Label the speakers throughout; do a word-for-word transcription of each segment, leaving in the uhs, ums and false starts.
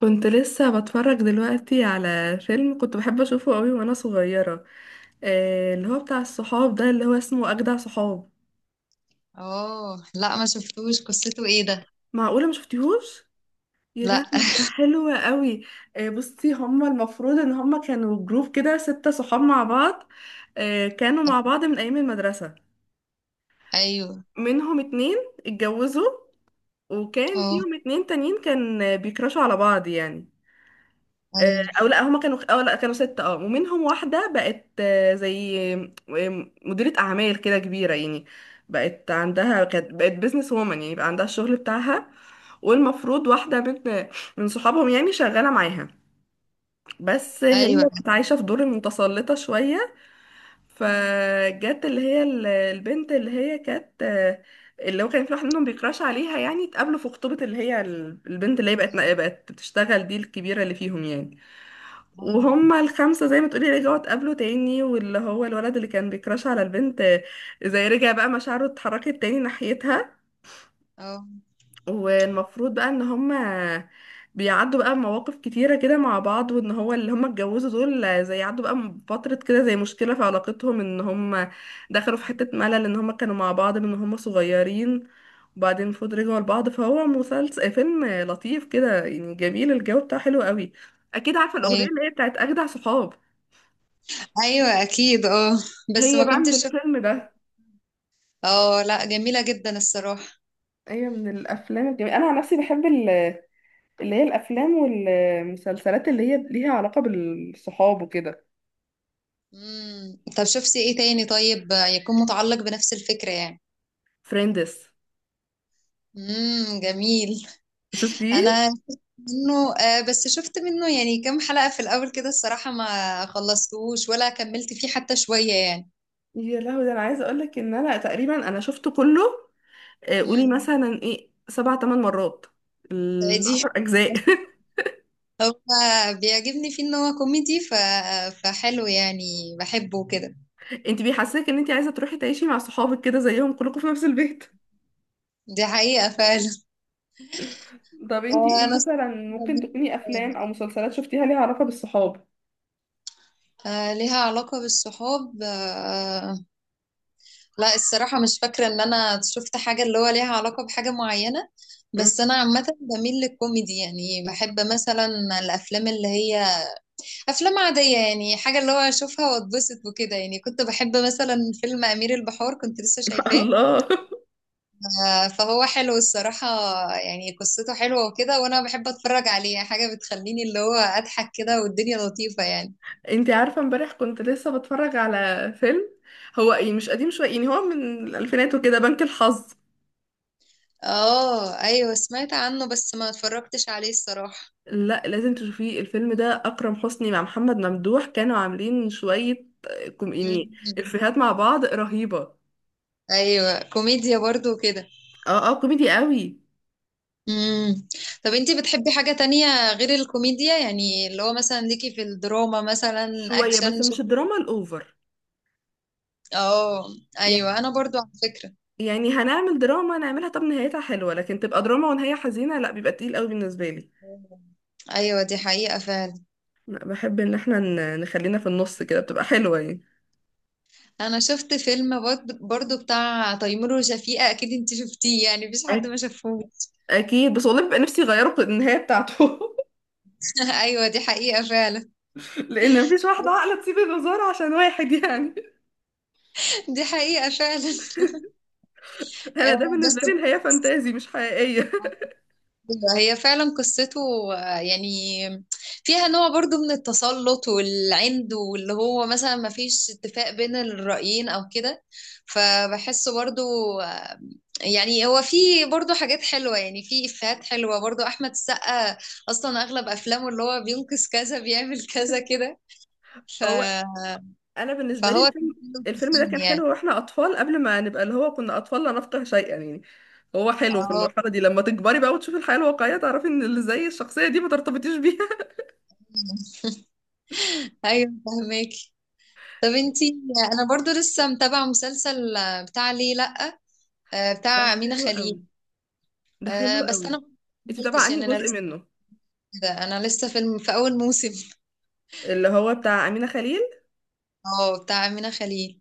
Speaker 1: كنت لسه بتفرج دلوقتي على فيلم كنت بحب اشوفه قوي وانا صغيرة. آه اللي هو بتاع الصحاب ده اللي هو اسمه اجدع صحاب.
Speaker 2: اه، لا، ما شفتوش. قصته ايه ده؟
Speaker 1: معقولة ما شفتيهوش؟ يا لهوي!
Speaker 2: لا.
Speaker 1: ده حلو قوي. آه بصي، هما المفروض ان هما كانوا جروب كده ستة صحاب مع بعض. آه كانوا مع بعض من ايام المدرسة.
Speaker 2: ايوه.
Speaker 1: منهم اتنين اتجوزوا، وكان
Speaker 2: اه،
Speaker 1: فيهم اتنين تانيين كان بيكرشوا على بعض يعني. آه،
Speaker 2: ايوه،
Speaker 1: او لا هما كانوا او لا كانوا ستة. اه ومنهم واحدة بقت آه، زي آه، مديرة اعمال كده كبيرة يعني. بقت عندها، كانت بقت بيزنس وومن يعني، بقى عندها الشغل بتاعها. والمفروض واحدة من من صحابهم يعني شغالة معاها، بس هي
Speaker 2: ايوه.
Speaker 1: كانت عايشة في دور المتسلطة شوية. فجت اللي هي ال- البنت اللي هي كانت آه، اللي هو كان في واحد منهم بيكراش عليها يعني، اتقابلوا في خطوبة اللي هي ال- البنت اللي هي بقت بقت بتشتغل، دي الكبيرة اللي فيهم يعني. وهم الخمسة زي ما تقولي رجعوا اتقابلوا تاني، واللي هو الولد اللي كان بيكراش على البنت آه، زي رجع بقى مشاعره اتحركت تاني ناحيتها.
Speaker 2: اه،
Speaker 1: والمفروض بقى ان هم بيعدوا بقى مواقف كتيرة كده مع بعض، وان هو اللي هم اتجوزوا دول آه، زي عدوا بقى م- فترة كده، زي مشكلة في علاقتهم، ان هم دخلوا في حتة ملل ان هم كانوا مع بعض من هم صغيرين. وبعدين المفروض رجعوا لبعض، فهو مسلسل فيلم آه، لطيف كده يعني، جميل، الجو بتاعه حلو قوي. اكيد عارفة الاغنية
Speaker 2: ايوه،
Speaker 1: اللي هي بتاعت اجدع صحاب،
Speaker 2: ايوه، اكيد، اه. بس
Speaker 1: هي
Speaker 2: ما
Speaker 1: بقى من
Speaker 2: كنتش شفت.
Speaker 1: الفيلم ده.
Speaker 2: اه، لا، جميلة جدا الصراحة.
Speaker 1: هي من الافلام الجميلة، انا عن نفسي بحب ال- اللي هي الافلام والمسلسلات اللي هي ليها علاقة بالصحاب وكده.
Speaker 2: امم طب شفتي ايه تاني طيب، يكون متعلق بنفس الفكرة يعني؟
Speaker 1: فريندز،
Speaker 2: امم جميل.
Speaker 1: شفتيه؟
Speaker 2: انا شفت منه، آه بس شفت منه يعني كام حلقة في الاول كده الصراحة، ما خلصتوش ولا كملت فيه حتى شوية يعني.
Speaker 1: يا لهوي! ده انا عايزه اقول لك ان انا تقريبا انا شفته كله. آه، قولي
Speaker 2: امم
Speaker 1: مثلا ايه سبع ثمان مرات،
Speaker 2: دي
Speaker 1: العشر اجزاء.
Speaker 2: هو بيعجبني فيه ان هو كوميدي، ف... فحلو يعني، بحبه كده.
Speaker 1: انت بيحسسك ان انت عايزه تروحي تعيشي مع صحابك كده زيهم كلكم في نفس البيت.
Speaker 2: دي حقيقة فعلا.
Speaker 1: طب انت ايه
Speaker 2: آه، انا،
Speaker 1: مثلا ممكن تكوني افلام او مسلسلات شفتيها ليها علاقه بالصحاب؟
Speaker 2: آه، ليها علاقة بالصحاب، آه، لا الصراحة مش فاكرة ان انا شفت حاجة اللي هو ليها علاقة بحاجة معينة.
Speaker 1: مم.
Speaker 2: بس انا عامة بميل للكوميدي يعني، بحب مثلا الافلام اللي هي افلام عادية يعني، حاجة اللي هو اشوفها واتبسط وكده يعني. كنت بحب مثلا فيلم امير البحار، كنت لسه شايفاه،
Speaker 1: الله.
Speaker 2: آه، فهو حلو الصراحة. يعني قصته حلوة وكده، وأنا بحب أتفرج عليه، حاجة بتخليني اللي هو أضحك كده، والدنيا لطيفة يعني.
Speaker 1: انتي عارفة امبارح كنت لسه بتفرج على فيلم، هو ايه مش قديم شوية يعني، هو من الألفينات وكده، بنك الحظ.
Speaker 2: اه، أيوة سمعت عنه بس ما اتفرجتش عليه الصراحة.
Speaker 1: لا لازم تشوفيه الفيلم ده، أكرم حسني مع محمد ممدوح كانوا عاملين شوية آه، كوم- يعني
Speaker 2: مم.
Speaker 1: إفيهات مع بعض رهيبة.
Speaker 2: أيوة، كوميديا برضو كده.
Speaker 1: اه اه، كوميدي قوي.
Speaker 2: مم. طب انتي بتحبي حاجة تانية غير الكوميديا يعني؟ اللي هو مثلا ليكي في الدراما مثلا،
Speaker 1: شوية، بس
Speaker 2: أكشن،
Speaker 1: مش
Speaker 2: شفت؟
Speaker 1: الدراما الأوفر
Speaker 2: اه،
Speaker 1: يعني.
Speaker 2: أيوة، أنا برضو على فكرة.
Speaker 1: يعني هنعمل دراما نعملها طب نهايتها حلوة، لكن تبقى دراما ونهاية حزينة لا، بيبقى تقيل قوي بالنسبة لي.
Speaker 2: أيوة دي حقيقة فعلا.
Speaker 1: لا، بحب ان احنا ن- نخلينا في النص كده، بتبقى حلوة يعني.
Speaker 2: انا شفت فيلم برض- برضو بتاع تيمور وشفيقة، اكيد انت شفتيه يعني، مفيش حد ما شافهوش.
Speaker 1: اكيد، بس والله بيبقى نفسي يغيروا النهايه بتاعته.
Speaker 2: ايوه دي حقيقة فعلا.
Speaker 1: لان مفيش واحده عاقله تسيب الوزاره عشان واحد يعني.
Speaker 2: دي حقيقة فعلا.
Speaker 1: انا ده
Speaker 2: آه، بس
Speaker 1: بالنسبه لي نهايه فانتازي مش حقيقيه.
Speaker 2: أيوة، هي فعلا قصته آه، يعني فيها نوع برضو من التسلط والعند، واللي هو مثلا ما فيش اتفاق بين الرأيين او كده، فبحسه برضو. يعني هو في برضه حاجات حلوة يعني، في إفيهات حلوة برضه. أحمد السقا أصلا أغلب أفلامه اللي هو بينقذ كذا، بيعمل كذا كده، ف...
Speaker 1: هو انا بالنسبه لي
Speaker 2: فهو كان
Speaker 1: الفيلم،
Speaker 2: حلو في
Speaker 1: الفيلم ده
Speaker 2: الفيلم
Speaker 1: كان
Speaker 2: يعني.
Speaker 1: حلو واحنا اطفال، قبل ما نبقى اللي هو كنا اطفال لا نفقه شيئا يعني. هو حلو في
Speaker 2: اه،
Speaker 1: المرحله دي، لما تكبري بقى وتشوفي الحياه الواقعيه تعرفي ان اللي زي الشخصيه دي ما ترتبطيش بيها.
Speaker 2: ايوه، فهماكي. طب انتي، انا برضو لسه متابعة مسلسل بتاع ليه لأ، آه،
Speaker 1: ده
Speaker 2: بتاع أمينة
Speaker 1: حلو
Speaker 2: خليل،
Speaker 1: قوي، ده
Speaker 2: آه،
Speaker 1: حلو
Speaker 2: بس انا
Speaker 1: قوي.
Speaker 2: ما
Speaker 1: انت متابعه
Speaker 2: كملتش
Speaker 1: انهي
Speaker 2: يعني، انا
Speaker 1: جزء
Speaker 2: لسه
Speaker 1: منه؟
Speaker 2: كده، انا لسه في الم- في اول موسم.
Speaker 1: اللي هو بتاع امينه خليل.
Speaker 2: اه، بتاع أمينة خليل.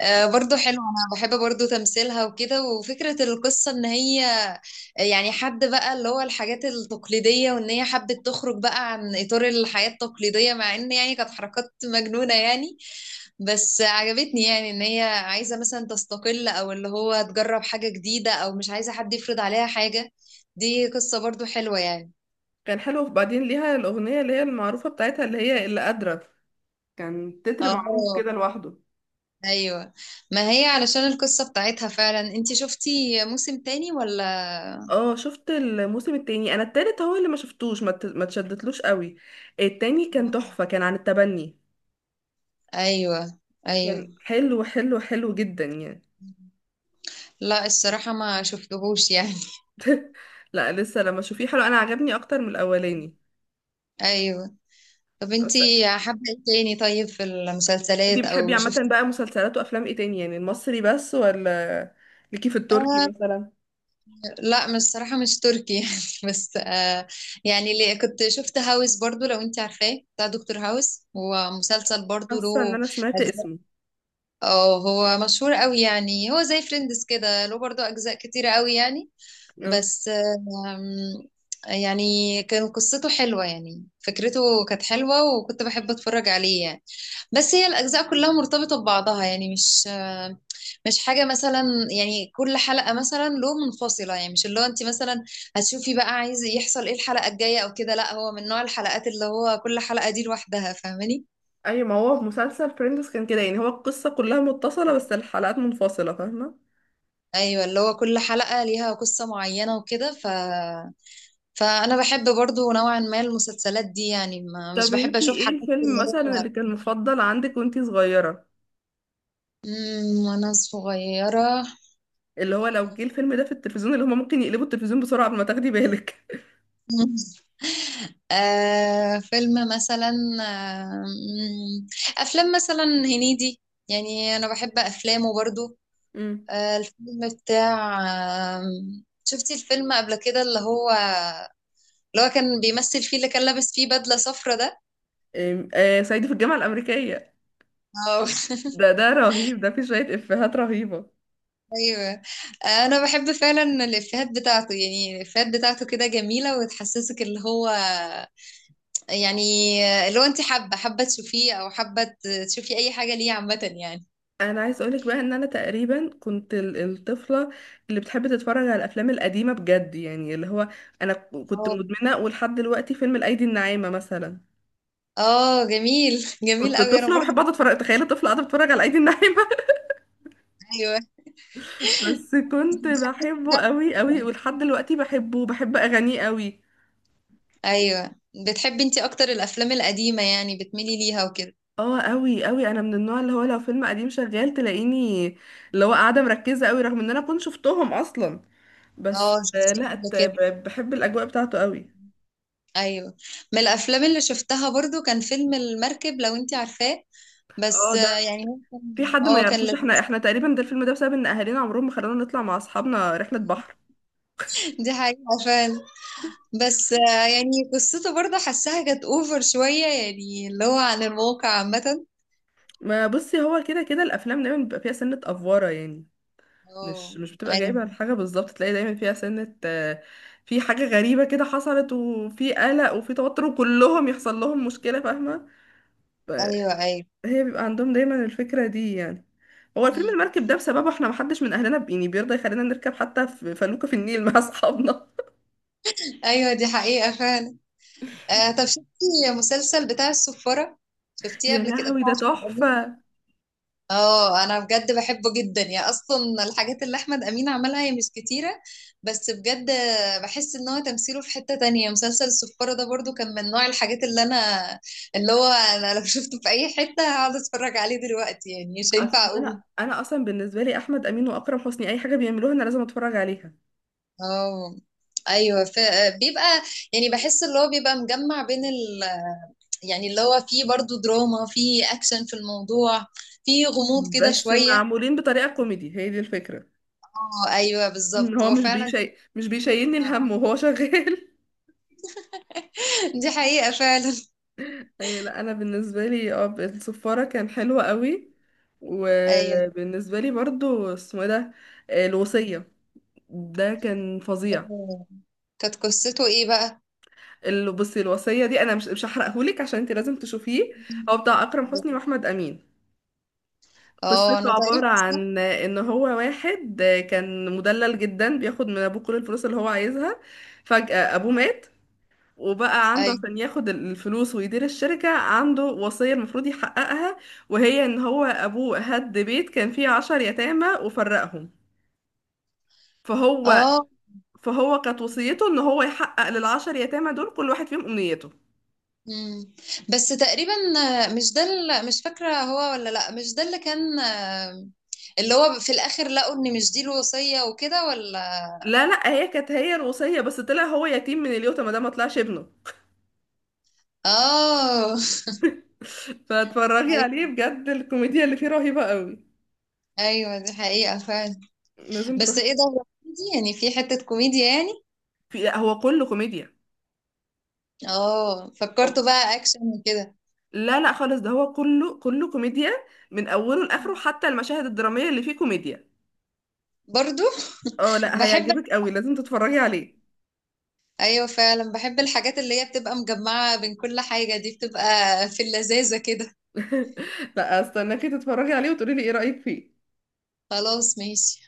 Speaker 2: آه، برضو حلو، انا بحب برضو تمثيلها وكده، وفكرة القصة ان هي يعني حد بقى اللي هو الحاجات التقليدية، وان هي حبت تخرج بقى عن اطار الحياة التقليدية، مع ان يعني كانت حركات مجنونة يعني، بس عجبتني يعني. ان هي عايزة مثلا تستقل، او اللي هو تجرب حاجة جديدة، او مش عايزة حد يفرض عليها حاجة، دي قصة برضو حلوة يعني.
Speaker 1: كان حلو، وبعدين ليها الاغنيه اللي هي المعروفه بتاعتها، اللي هي اللي قادره، كان تتر معروف
Speaker 2: اه،
Speaker 1: كده لوحده.
Speaker 2: ايوه، ما هي علشان القصة بتاعتها فعلا. انتي شفتي موسم تاني ولا؟
Speaker 1: اه، شفت الموسم التاني، انا التالت هو اللي ما شفتوش، ما ت- ما تشدتلوش قوي. التاني كان تحفة، كان عن التبني.
Speaker 2: ايوه. ايوه.
Speaker 1: كان حلو حلو حلو جدا يعني.
Speaker 2: لا، الصراحة ما شفتهوش يعني.
Speaker 1: لا لسه لما اشوفيه حلو، انا عجبني اكتر من الاولاني.
Speaker 2: ايوه. طب
Speaker 1: بس
Speaker 2: انتي حابة ايه تاني طيب في
Speaker 1: انتي
Speaker 2: المسلسلات
Speaker 1: بتحبي
Speaker 2: او
Speaker 1: عامة
Speaker 2: شفت؟
Speaker 1: بقى مسلسلات وافلام ايه تاني يعني، المصري بس ولا ليكي في التركي
Speaker 2: آه
Speaker 1: مثلا؟
Speaker 2: لا، مش الصراحة، مش تركي يعني، بس آه يعني اللي كنت شفت هاوس برضو، لو انتي عارفاه، بتاع دكتور هاوس، هو مسلسل برضو
Speaker 1: حاسة ان
Speaker 2: له
Speaker 1: انا سمعت
Speaker 2: اجزاء.
Speaker 1: اسمه.
Speaker 2: اه هو مشهور قوي يعني، هو زي فريندز كده، له برضو اجزاء كتيرة قوي يعني.
Speaker 1: اه
Speaker 2: بس آم، يعني كان قصته حلوة يعني، فكرته كانت حلوة، وكنت بحب اتفرج عليه يعني. بس هي الأجزاء كلها مرتبطة ببعضها يعني، مش آه، مش حاجة مثلا، يعني كل حلقة مثلا له منفصلة يعني، مش اللي هو انت مثلا هتشوفي بقى عايز يحصل ايه الحلقة الجاية او كده، لا هو من نوع الحلقات اللي هو كل حلقة دي لوحدها، فاهماني؟
Speaker 1: ايوه، ما هو في مسلسل فريندز كان كده يعني، هو القصة كلها متصلة بس الحلقات منفصلة، فاهمة.
Speaker 2: ايوه، اللي هو كل حلقة ليها قصة معينة وكده، ف فانا بحب برضو نوعا ما المسلسلات دي يعني، ما مش
Speaker 1: طب
Speaker 2: بحب
Speaker 1: انتي
Speaker 2: اشوف
Speaker 1: ايه
Speaker 2: حاجات
Speaker 1: الفيلم
Speaker 2: اللي هي
Speaker 1: مثلا اللي كان مفضل عندك وانتي صغيرة؟
Speaker 2: مم، وانا صغيره.
Speaker 1: اللي هو لو جه الفيلم ده في التلفزيون اللي هما ممكن يقلبوا التلفزيون بسرعة قبل ما تاخدي بالك.
Speaker 2: مم. آه فيلم مثلا، آه مم، افلام مثلا هنيدي، يعني انا بحب افلامه برضو.
Speaker 1: امم
Speaker 2: آه الفيلم بتاع، آه شفتي الفيلم قبل كده؟ اللي هو اللي هو كان بيمثل فيه، اللي كان لابس فيه بدله صفرا،
Speaker 1: أم- آه صعيدي في الجامعة الأمريكية،
Speaker 2: ده؟
Speaker 1: ده ده رهيب، ده فيه شوية إفيهات رهيبة.
Speaker 2: ايوه، انا بحب فعلا الافيهات بتاعته يعني، الافيهات بتاعته كده جميله، وتحسسك اللي هو يعني، اللي هو انت حابه حابه تشوفيه، او حابه تشوفي اي حاجه ليه عامه يعني.
Speaker 1: أنا عايز أقولك بقى إن أنا تقريبا كنت ال- الطفلة اللي بتحب تتفرج على الأفلام القديمة بجد يعني، اللي هو أنا ك- كنت
Speaker 2: اه،
Speaker 1: مدمنة، ولحد دلوقتي فيلم الأيدي الناعمة مثلا.
Speaker 2: اه، جميل جميل
Speaker 1: كنت
Speaker 2: قوي، انا
Speaker 1: طفلة
Speaker 2: برضه.
Speaker 1: وبحب أقعد أتفرج، تخيل طفلة قاعدة بتتفرج على الأيدي الناعمة.
Speaker 2: ايوه.
Speaker 1: بس كنت
Speaker 2: بتحبي- لا،
Speaker 1: بحبه قوي قوي، ولحد دلوقتي بحبه، بحب اغانيه قوي.
Speaker 2: ايوه، بتحبي انت اكتر الافلام القديمه يعني، بتميلي ليها وكده.
Speaker 1: اه قوي قوي، انا من النوع اللي هو لو فيلم قديم شغال تلاقيني اللي هو قاعده مركزه قوي، رغم ان انا كنت شفتهم اصلا. بس
Speaker 2: اه
Speaker 1: آه،
Speaker 2: شفتيها
Speaker 1: لا
Speaker 2: قبل
Speaker 1: ت-
Speaker 2: كده.
Speaker 1: ب- بحب الاجواء بتاعته قوي.
Speaker 2: ايوه، من الافلام اللي شفتها برضو كان فيلم المركب، لو انت عارفاه،
Speaker 1: اه
Speaker 2: بس
Speaker 1: ده،
Speaker 2: آه، يعني ممكن،
Speaker 1: في حد ما
Speaker 2: اه كان
Speaker 1: يعرفوش، احنا
Speaker 2: لذيذ.
Speaker 1: احنا تقريبا ده الفيلم ده بسبب ان اهالينا عمرهم ما خلونا نطلع مع اصحابنا رحله بحر.
Speaker 2: دي حقيقة فعلًا. بس آآ يعني قصته برضه حاسّاها كانت over شوية يعني، اللي هو عن الموقع عامةً.
Speaker 1: ما بصي، هو كده كده الافلام دايما بيبقى فيها سنه افواره يعني، مش
Speaker 2: آه،
Speaker 1: مش بتبقى
Speaker 2: أيوه،
Speaker 1: جايبة الحاجة بالظبط، تلاقي دايما فيها سنة آه، في حاجة غريبة كده حصلت، وفي قلق وفي توتر، وكلهم يحصل لهم مشكلة، فاهمة.
Speaker 2: أيوه،
Speaker 1: فهي
Speaker 2: أيوه،
Speaker 1: بيبقى عندهم دايما الفكرة دي يعني. هو الفيلم
Speaker 2: إمم،
Speaker 1: المركب ده بسببه احنا محدش من اهلنا ب- يعني بيرضى يخلينا نركب حتى في فلوكة في النيل مع اصحابنا.
Speaker 2: أيوه دي حقيقة فعلًا. آآ طَب شُفتِ مسلسل بتاع الصفارة؟ شُفتيه
Speaker 1: يا
Speaker 2: قبل كده،
Speaker 1: لهوي
Speaker 2: بتاع
Speaker 1: ده
Speaker 2: أحمد أمين؟
Speaker 1: تحفة.
Speaker 2: اه، انا بجد بحبه جدا. يا اصلا الحاجات اللي احمد امين عملها هي مش كتيره، بس بجد بحس ان هو تمثيله في حته تانية. مسلسل السفاره ده برضو كان من نوع الحاجات اللي انا، اللي هو انا لو شفته في اي حته هقعد اتفرج عليه دلوقتي يعني، مش
Speaker 1: اصل
Speaker 2: هينفع اقوم.
Speaker 1: انا انا اصلا بالنسبة لي احمد امين واكرم حسني اي حاجة بيعملوها انا لازم اتفرج عليها.
Speaker 2: اه ايوه، ف... بيبقى، يعني بحس اللي هو بيبقى مجمع بين ال... يعني اللي هو فيه برضو دراما، فيه اكشن في الموضوع، فيه غموض كده
Speaker 1: بس
Speaker 2: شويه.
Speaker 1: معمولين بطريقة كوميدي، هي دي الفكرة،
Speaker 2: اه ايوه
Speaker 1: إن
Speaker 2: بالظبط،
Speaker 1: هو
Speaker 2: هو
Speaker 1: مش
Speaker 2: فعلا.
Speaker 1: بيشي مش بيشيلني الهم وهو شغال.
Speaker 2: دي حقيقة فعلا.
Speaker 1: أي لا، انا بالنسبه لي اه الصفاره كان حلوه قوي.
Speaker 2: ايوه.
Speaker 1: وبالنسبه لي برضو اسمه إيه ده، آه، الوصيه، ده كان فظيع.
Speaker 2: آه، كانت قصته ايه بقى؟
Speaker 1: ال- بصي الوصيه دي، انا مش مش هحرقهولك عشان انت لازم تشوفيه. هو بتاع اكرم حسني واحمد امين.
Speaker 2: اه
Speaker 1: قصته
Speaker 2: انا
Speaker 1: عباره
Speaker 2: تقريبا
Speaker 1: عن
Speaker 2: سمعت-
Speaker 1: ان هو واحد كان مدلل جدا بياخد من ابوه كل الفلوس اللي هو عايزها، فجاه ابوه
Speaker 2: آه،
Speaker 1: مات. وبقى عنده
Speaker 2: ايوه.
Speaker 1: عشان ياخد الفلوس ويدير الشركة، عنده وصية المفروض يحققها. وهي ان هو ابوه هد بيت كان فيه عشر يتامى وفرقهم، فهو
Speaker 2: اه.
Speaker 1: فهو كانت وصيته ان هو يحقق للعشر يتامى دول كل واحد فيهم امنيته.
Speaker 2: مم. بس تقريبا، آه، مش ده ال- مش فاكرة هو ولا لا، مش ده اللي كان، آه، اللي هو في الاخر لقوا ان مش دي الوصية وكده ولا؟
Speaker 1: لا لا، هي كانت هي الوصية، بس طلع هو يتيم من اليوتا، ما ده ما طلعش ابنه.
Speaker 2: اه.
Speaker 1: فاتفرجي
Speaker 2: ايوه.
Speaker 1: عليه بجد، الكوميديا اللي فيه رهيبة قوي،
Speaker 2: ايوه دي حقيقة فعلا.
Speaker 1: لازم
Speaker 2: بس
Speaker 1: تروحي.
Speaker 2: ايه ده، هو كوميدي يعني، في حتة كوميديا يعني؟
Speaker 1: في، لا هو كله كوميديا.
Speaker 2: اه، فكرته بقى اكشن وكده؟
Speaker 1: لا لا خالص، ده هو كله كله كوميديا من اوله لاخره، حتى المشاهد الدراميه اللي فيه كوميديا.
Speaker 2: برضو.
Speaker 1: اه لا
Speaker 2: بحب.
Speaker 1: هيعجبك قوي، لازم تتفرجي عليه.
Speaker 2: ايوه فعلا بحب الحاجات اللي هي بتبقى مجمعة بين كل حاجة، دي بتبقى في اللذاذة كده.
Speaker 1: لا استناكي تتفرجي عليه وتقولي لي ايه رايك فيه.
Speaker 2: خلاص ماشي.